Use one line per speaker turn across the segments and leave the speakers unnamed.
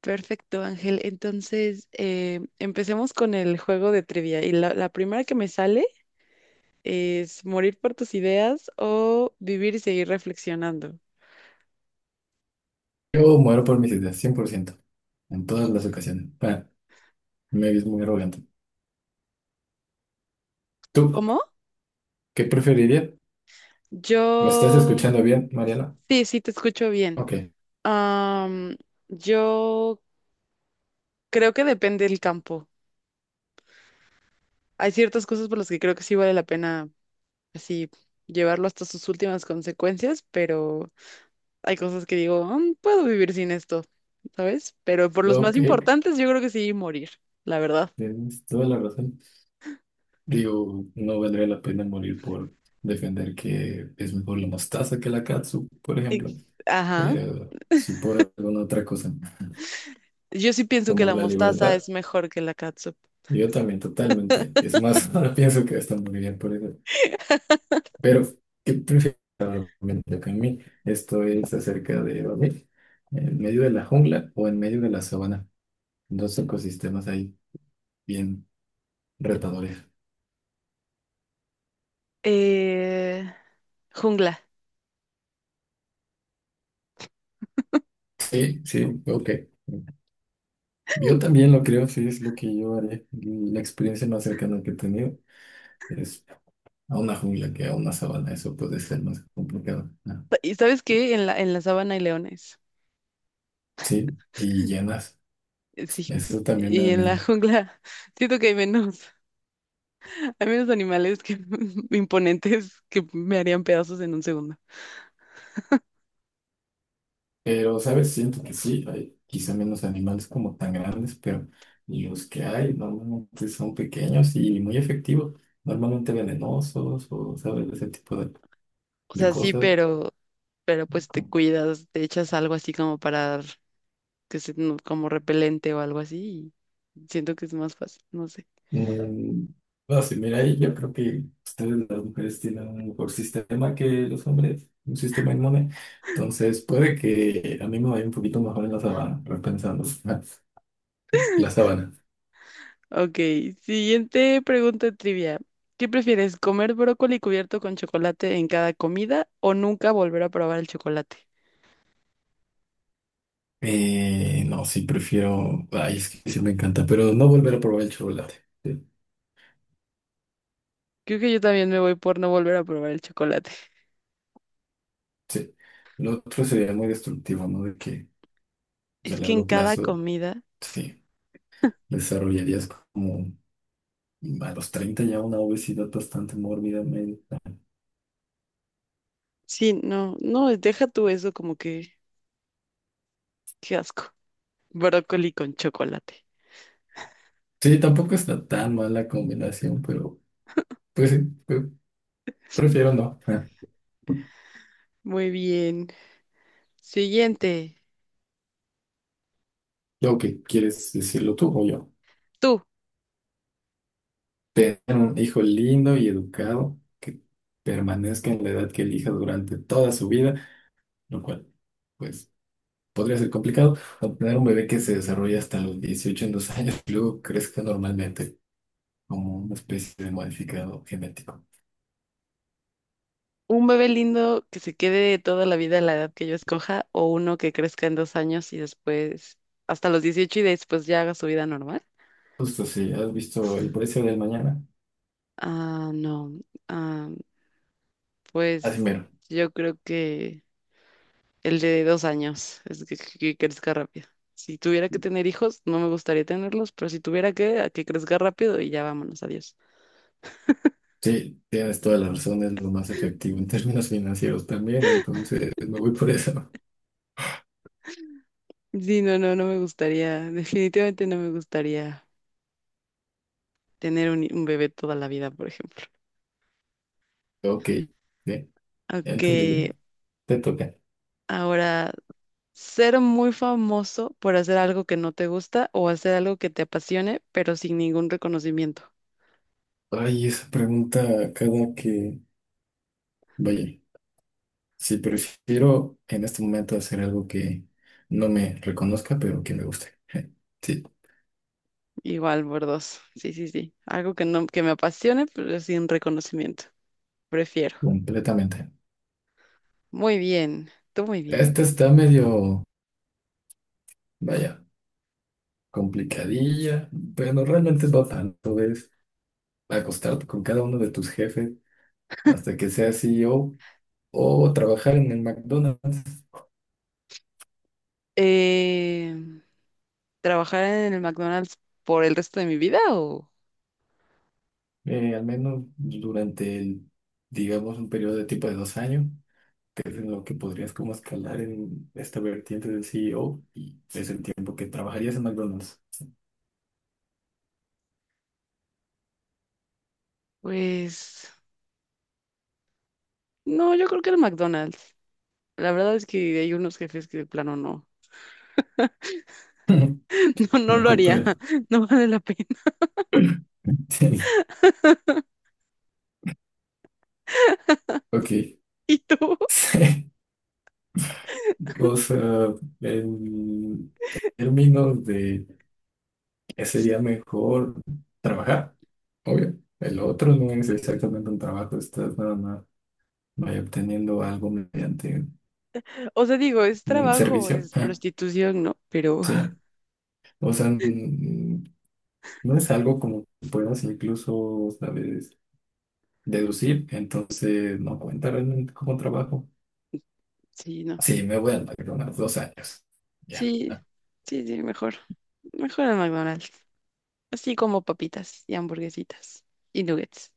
Perfecto, Ángel. Entonces, empecemos con el juego de trivia. Y la primera que me sale es morir por tus ideas o vivir y seguir reflexionando.
Yo muero por mis ideas, 100%, en todas las ocasiones. Bueno, me ves muy arrogante. ¿Tú
¿Cómo?
qué preferirías? ¿Me estás
Yo,
escuchando bien, Mariana?
sí, sí, te escucho bien.
Ok,
Am, yo creo que depende del campo. Hay ciertas cosas por las que creo que sí vale la pena así llevarlo hasta sus últimas consecuencias, pero hay cosas que digo, "Mm, puedo vivir sin esto, ¿sabes?" Pero por los más
ok,
importantes, yo creo que sí morir, la verdad.
tienes toda la razón. Digo, no valdría la pena morir por defender que es mejor la mostaza que la katsu, por ejemplo.
Ex- Ajá.
Pero si por alguna otra cosa,
Yo sí pienso que
como
la
la
mostaza
libertad,
es mejor que la catsup.
yo también totalmente. Es más, ahora pienso que hasta moriría por eso. Pero, ¿qué prefieres realmente? Para mí esto es acerca de, ¿vale? ¿En medio de la jungla o en medio de la sabana? Dos ecosistemas ahí bien retadores.
Eh, Jungla.
Sí, sí, ok. Yo también lo creo, sí, es lo que yo haré. La experiencia más cercana que he tenido es a una jungla que a una sabana. Eso puede ser más complicado.
¿Y sabes qué? En la sabana hay leones.
Sí, y llenas.
Sí.
Eso también me
Y
da
en la
miedo.
jungla siento que hay menos, hay menos animales que imponentes que me harían pedazos en un segundo.
Pero, ¿sabes? Siento que sí, hay quizá menos animales como tan grandes, pero los que hay normalmente son pequeños y muy efectivos, normalmente venenosos o, ¿sabes? Ese tipo
O
de
sea, sí,
cosas.
pero, pues te cuidas, te echas algo así como para que es como repelente o algo así. Y siento que es más fácil, no sé.
Mm, no sé, mira, ahí yo creo que ustedes las mujeres tienen un mejor sistema que los hombres, un sistema inmune. Entonces, puede que a mí me vaya un poquito mejor en la sabana, repensando la sabana.
Ok, siguiente pregunta trivia. ¿Qué prefieres, comer brócoli cubierto con chocolate en cada comida o nunca volver a probar el chocolate?
No, sí, prefiero. Ay, es que sí me encanta, pero no volver a probar el chocolate. Sí,
Creo que yo también me voy por no volver a probar el chocolate.
sí. Lo otro sería muy destructivo, ¿no? De que pues, a
Es que en
largo
cada
plazo,
comida,
sí, desarrollarías como a los 30 ya una obesidad bastante mórbida. Medio.
sí, no, no, deja tú eso como que, qué asco. Brócoli con chocolate.
Sí, tampoco está tan mala combinación, pero pues sí, pre- prefiero no.
Muy bien. Siguiente,
Luego que quieres decirlo tú o yo.
tú.
Tener un hijo lindo y educado que permanezca en la edad que elija durante toda su vida, lo cual. Pues podría ser complicado, obtener un bebé que se desarrolle hasta los 18 en dos años y luego crezca normalmente como una especie de modificado genético.
¿Un bebé lindo que se quede toda la vida a la edad que yo escoja o uno que crezca en 2 años y después hasta los 18 y después ya haga su vida normal?
Justo sí, has visto el precio del mañana.
Ah, no. Ah,
Así
pues
mero.
yo creo que el de dos años es que, crezca rápido. Si tuviera que tener hijos, no me gustaría tenerlos, pero si tuviera a que crezca rápido y ya vámonos, adiós.
Sí, tienes toda la razón, es lo más efectivo en términos financieros también, entonces me voy por eso.
Sí, no, no, no me gustaría, definitivamente no me gustaría tener un bebé toda la vida, por ejemplo.
Ok, bien, ya
Ok,
entendible. Te toca.
ahora, ser muy famoso por hacer algo que no te gusta o hacer algo que te apasione, pero sin ningún reconocimiento.
Ay, esa pregunta cada que... Vaya, si prefiero en este momento hacer algo que no me reconozca, pero que me guste. Sí,
Igual por dos. Sí, sí, sí. Algo que no, que me apasione, pero sin reconocimiento. Prefiero.
completamente.
Muy bien. Tú muy bien.
Esta está medio, vaya, complicadilla, pero no, realmente no tanto. Es acostarte con cada uno de tus jefes hasta que seas CEO o trabajar en el McDonald's,
Eh, ¿Trabajar en el McDonald's por el resto de mi vida o?
al menos durante el, digamos, un periodo de tiempo de dos años, que es en lo que podrías como escalar en esta vertiente del CEO y es el tiempo que trabajarías en McDonald's.
Pues no, yo creo que el McDonald's. La verdad es que hay unos jefes que de plano no, no, no
No
lo haría.
ocupa.
No vale la pena.
Ok.
¿Y tú?
O sea, en términos de que sería mejor trabajar, obvio. El otro no es exactamente un trabajo, estás nada más vaya obteniendo algo mediante
O sea, digo, es
un
trabajo,
servicio.
es prostitución, ¿no? Pero
Sí, o sea, no es algo como que puedas incluso, sabes, deducir, entonces no cuenta realmente como trabajo.
sí, no.
Sí, me voy al McDonald's dos años. Ya,
Sí,
ah,
sí, sí, mejor. Mejor al McDonald's. Así como papitas y hamburguesitas y nuggets.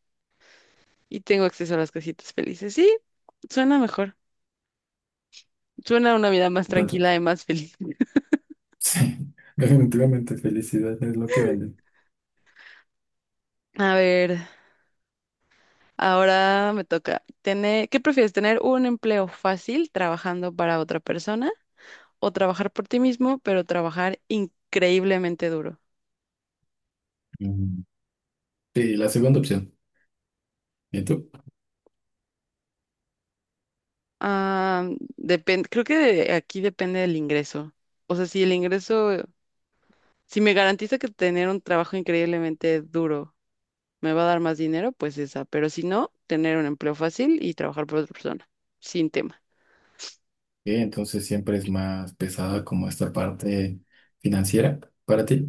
Y tengo acceso a las casitas felices. Sí, suena mejor. Suena a una vida más
¿Cuánto?
tranquila y más feliz.
Sí, definitivamente felicidad es lo que vende.
A ver, ahora me toca. ¿Qué prefieres? ¿Tener un empleo fácil trabajando para otra persona o trabajar por ti mismo, pero trabajar increíblemente duro?
Mm, Sí, la segunda opción. ¿Y tú?
Ah, depende, creo que aquí depende del ingreso. O sea, si me garantiza que tener un trabajo increíblemente duro me va a dar más dinero, pues esa. Pero si no, tener un empleo fácil y trabajar por otra persona, sin tema.
Entonces siempre es más pesada como esta parte financiera para ti.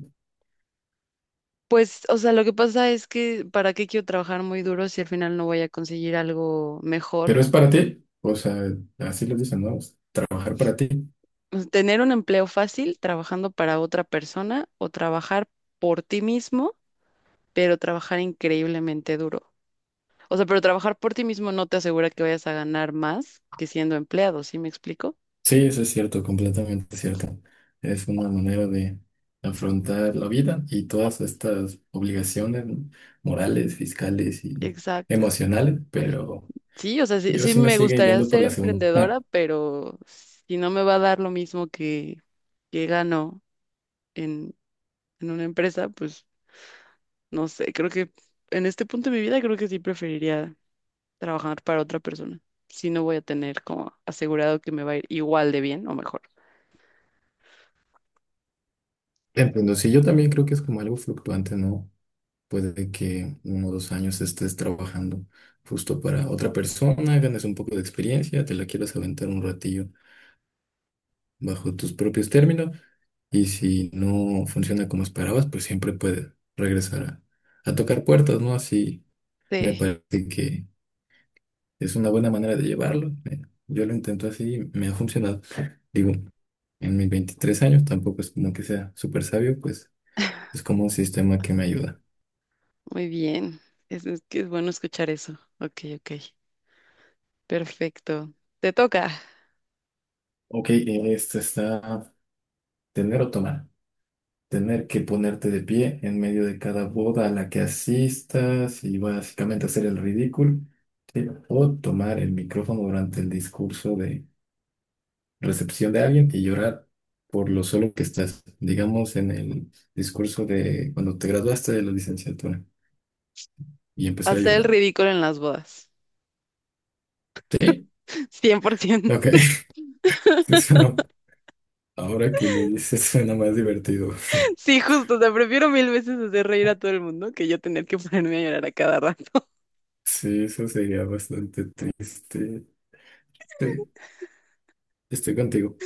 Pues, o sea, lo que pasa es que, ¿para qué quiero trabajar muy duro si al final no voy a conseguir algo mejor?
Pero es para ti. O sea, así lo dicen, ¿no? Es trabajar para ti.
Pues, tener un empleo fácil trabajando para otra persona o trabajar por ti mismo, pero trabajar increíblemente duro. O sea, pero trabajar por ti mismo no te asegura que vayas a ganar más que siendo empleado, ¿sí me explico?
Sí, eso es cierto, completamente cierto. Es una manera de afrontar la vida y todas estas obligaciones morales, fiscales y
Exacto.
emocionales, pero
Sí, o sea, sí,
yo
sí
sí me
me
sigue
gustaría
yendo por
ser
la segunda.
emprendedora, pero si no me va a dar lo mismo que, gano en, en una empresa, pues no sé, creo que en este punto de mi vida creo que sí preferiría trabajar para otra persona. Si no voy a tener como asegurado que me va a ir igual de bien o mejor.
Entiendo, sí, yo también creo que es como algo fluctuante, ¿no? Puede que uno o dos años estés trabajando justo para otra persona, ganes un poco de experiencia, te la quieras aventar un ratillo bajo tus propios términos y si no funciona como esperabas, pues siempre puedes regresar a tocar puertas, ¿no? Así me
Sí,
parece que es una buena manera de llevarlo. Yo lo intento así, y me ha funcionado. Digo, en mis 23 años tampoco es como que sea súper sabio, pues es como un sistema que me ayuda.
muy bien. es que es bueno escuchar eso. Ok, ok. Perfecto. Te toca.
Ok, este está tener o tomar. Tener que ponerte de pie en medio de cada boda a la que asistas y básicamente hacer el ridículo, ¿sí? O tomar el micrófono durante el discurso de recepción de alguien y llorar por lo solo que estás, digamos, en el discurso de cuando te graduaste de la licenciatura y empezar a
Hacer el
llorar.
ridículo en las bodas.
¿Sí?
100%.
Ok. Eso no. Ahora que lo dices suena más divertido.
Sí, justo, te prefiero mil veces hacer reír a todo el mundo que yo tener que ponerme a llorar a cada rato.
Sí, eso sería bastante triste. Sí, estoy contigo,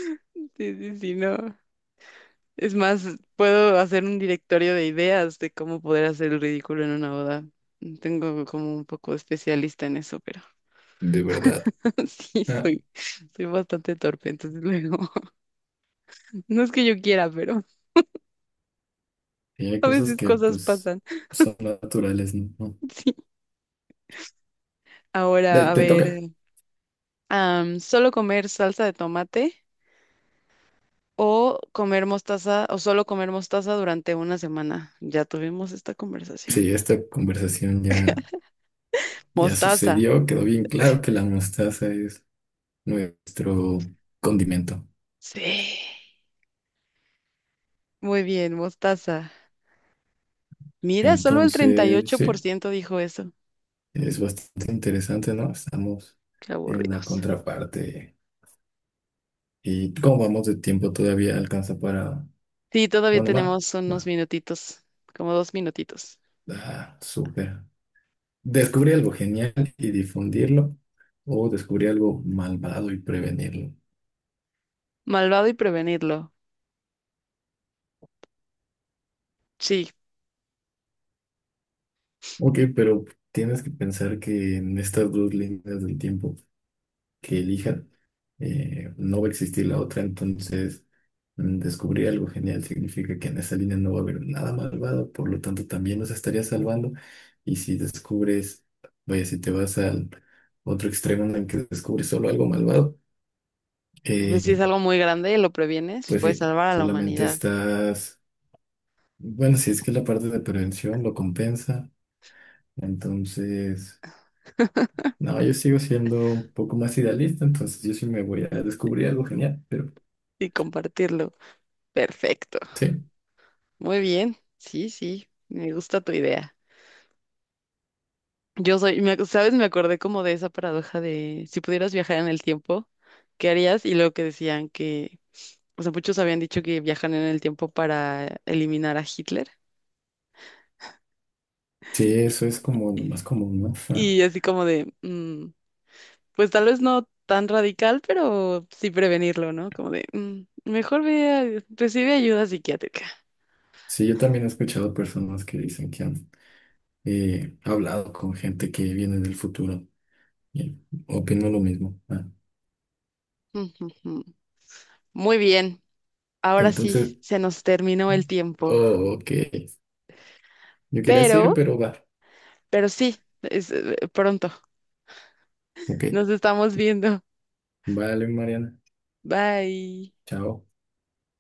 Sí, sí, sí, no. Es más, puedo hacer un directorio de ideas de cómo poder hacer el ridículo en una boda. Tengo como un poco especialista en eso, pero
de verdad.
sí,
Ah,
soy bastante torpe, entonces luego, no es que yo quiera, pero
Sí, hay
a
cosas
veces
que
cosas
pues
pasan.
son naturales, ¿no? No.
Sí.
Te,
Ahora, a
te
ver,
toca.
solo comer salsa de tomate, o comer mostaza, o solo comer mostaza durante una semana. Ya tuvimos esta conversación.
Sí, esta conversación ya, ya
Mostaza.
sucedió, quedó bien claro que la mostaza es nuestro condimento.
Sí. Muy bien, mostaza. Mira, solo el treinta y
Entonces,
ocho por
sí,
ciento dijo eso.
es bastante interesante, ¿no? Estamos
Qué
en la
aburridos.
contraparte. ¿Y cómo vamos de tiempo? Todavía alcanza para
Sí, todavía
una más.
tenemos unos
Va.
minutitos, como 2 minutitos.
Ah, súper. Descubrí algo genial y difundirlo, o descubrí algo malvado y prevenirlo.
Malvado y prevenirlo. Sí,
Ok, pero tienes que pensar que en estas dos líneas del tiempo que elija, no va a existir la otra, entonces descubrir algo genial significa que en esa línea no va a haber nada malvado, por lo tanto también nos estaría salvando. Y si descubres, vaya, si te vas al otro extremo en el que descubres solo algo malvado,
pues si
eh,
es algo muy grande y lo previenes,
pues
puedes
sí,
salvar a la
solamente
humanidad
estás, bueno, si es que la parte de prevención lo compensa, entonces... No, yo sigo siendo un poco más idealista, entonces yo sí me voy a descubrir algo genial, pero
y compartirlo. Perfecto.
sí,
Muy bien. Sí, sí, me gusta tu idea. Yo soy, me ac- ¿Sabes? Me acordé como de esa paradoja de si pudieras viajar en el tiempo, ¿qué harías? Y luego que decían que, o sea, muchos habían dicho que viajan en el tiempo para eliminar a Hitler.
sí, eso es como lo más común, ¿no? Ajá.
Y así como de, pues tal vez no tan radical, pero sí prevenirlo, ¿no? Como de, mejor recibe ayuda psiquiátrica.
Sí, yo también he escuchado personas que dicen que han hablado con gente que viene del futuro y opino lo mismo.
Ujú, ujú. Muy bien, ahora sí,
Entonces,
se nos terminó el tiempo,
oh, ok, yo quería seguir,
pero,
pero va,
pero sí, es pronto,
ok,
nos estamos viendo.
vale, Mariana,
Bye.
chao.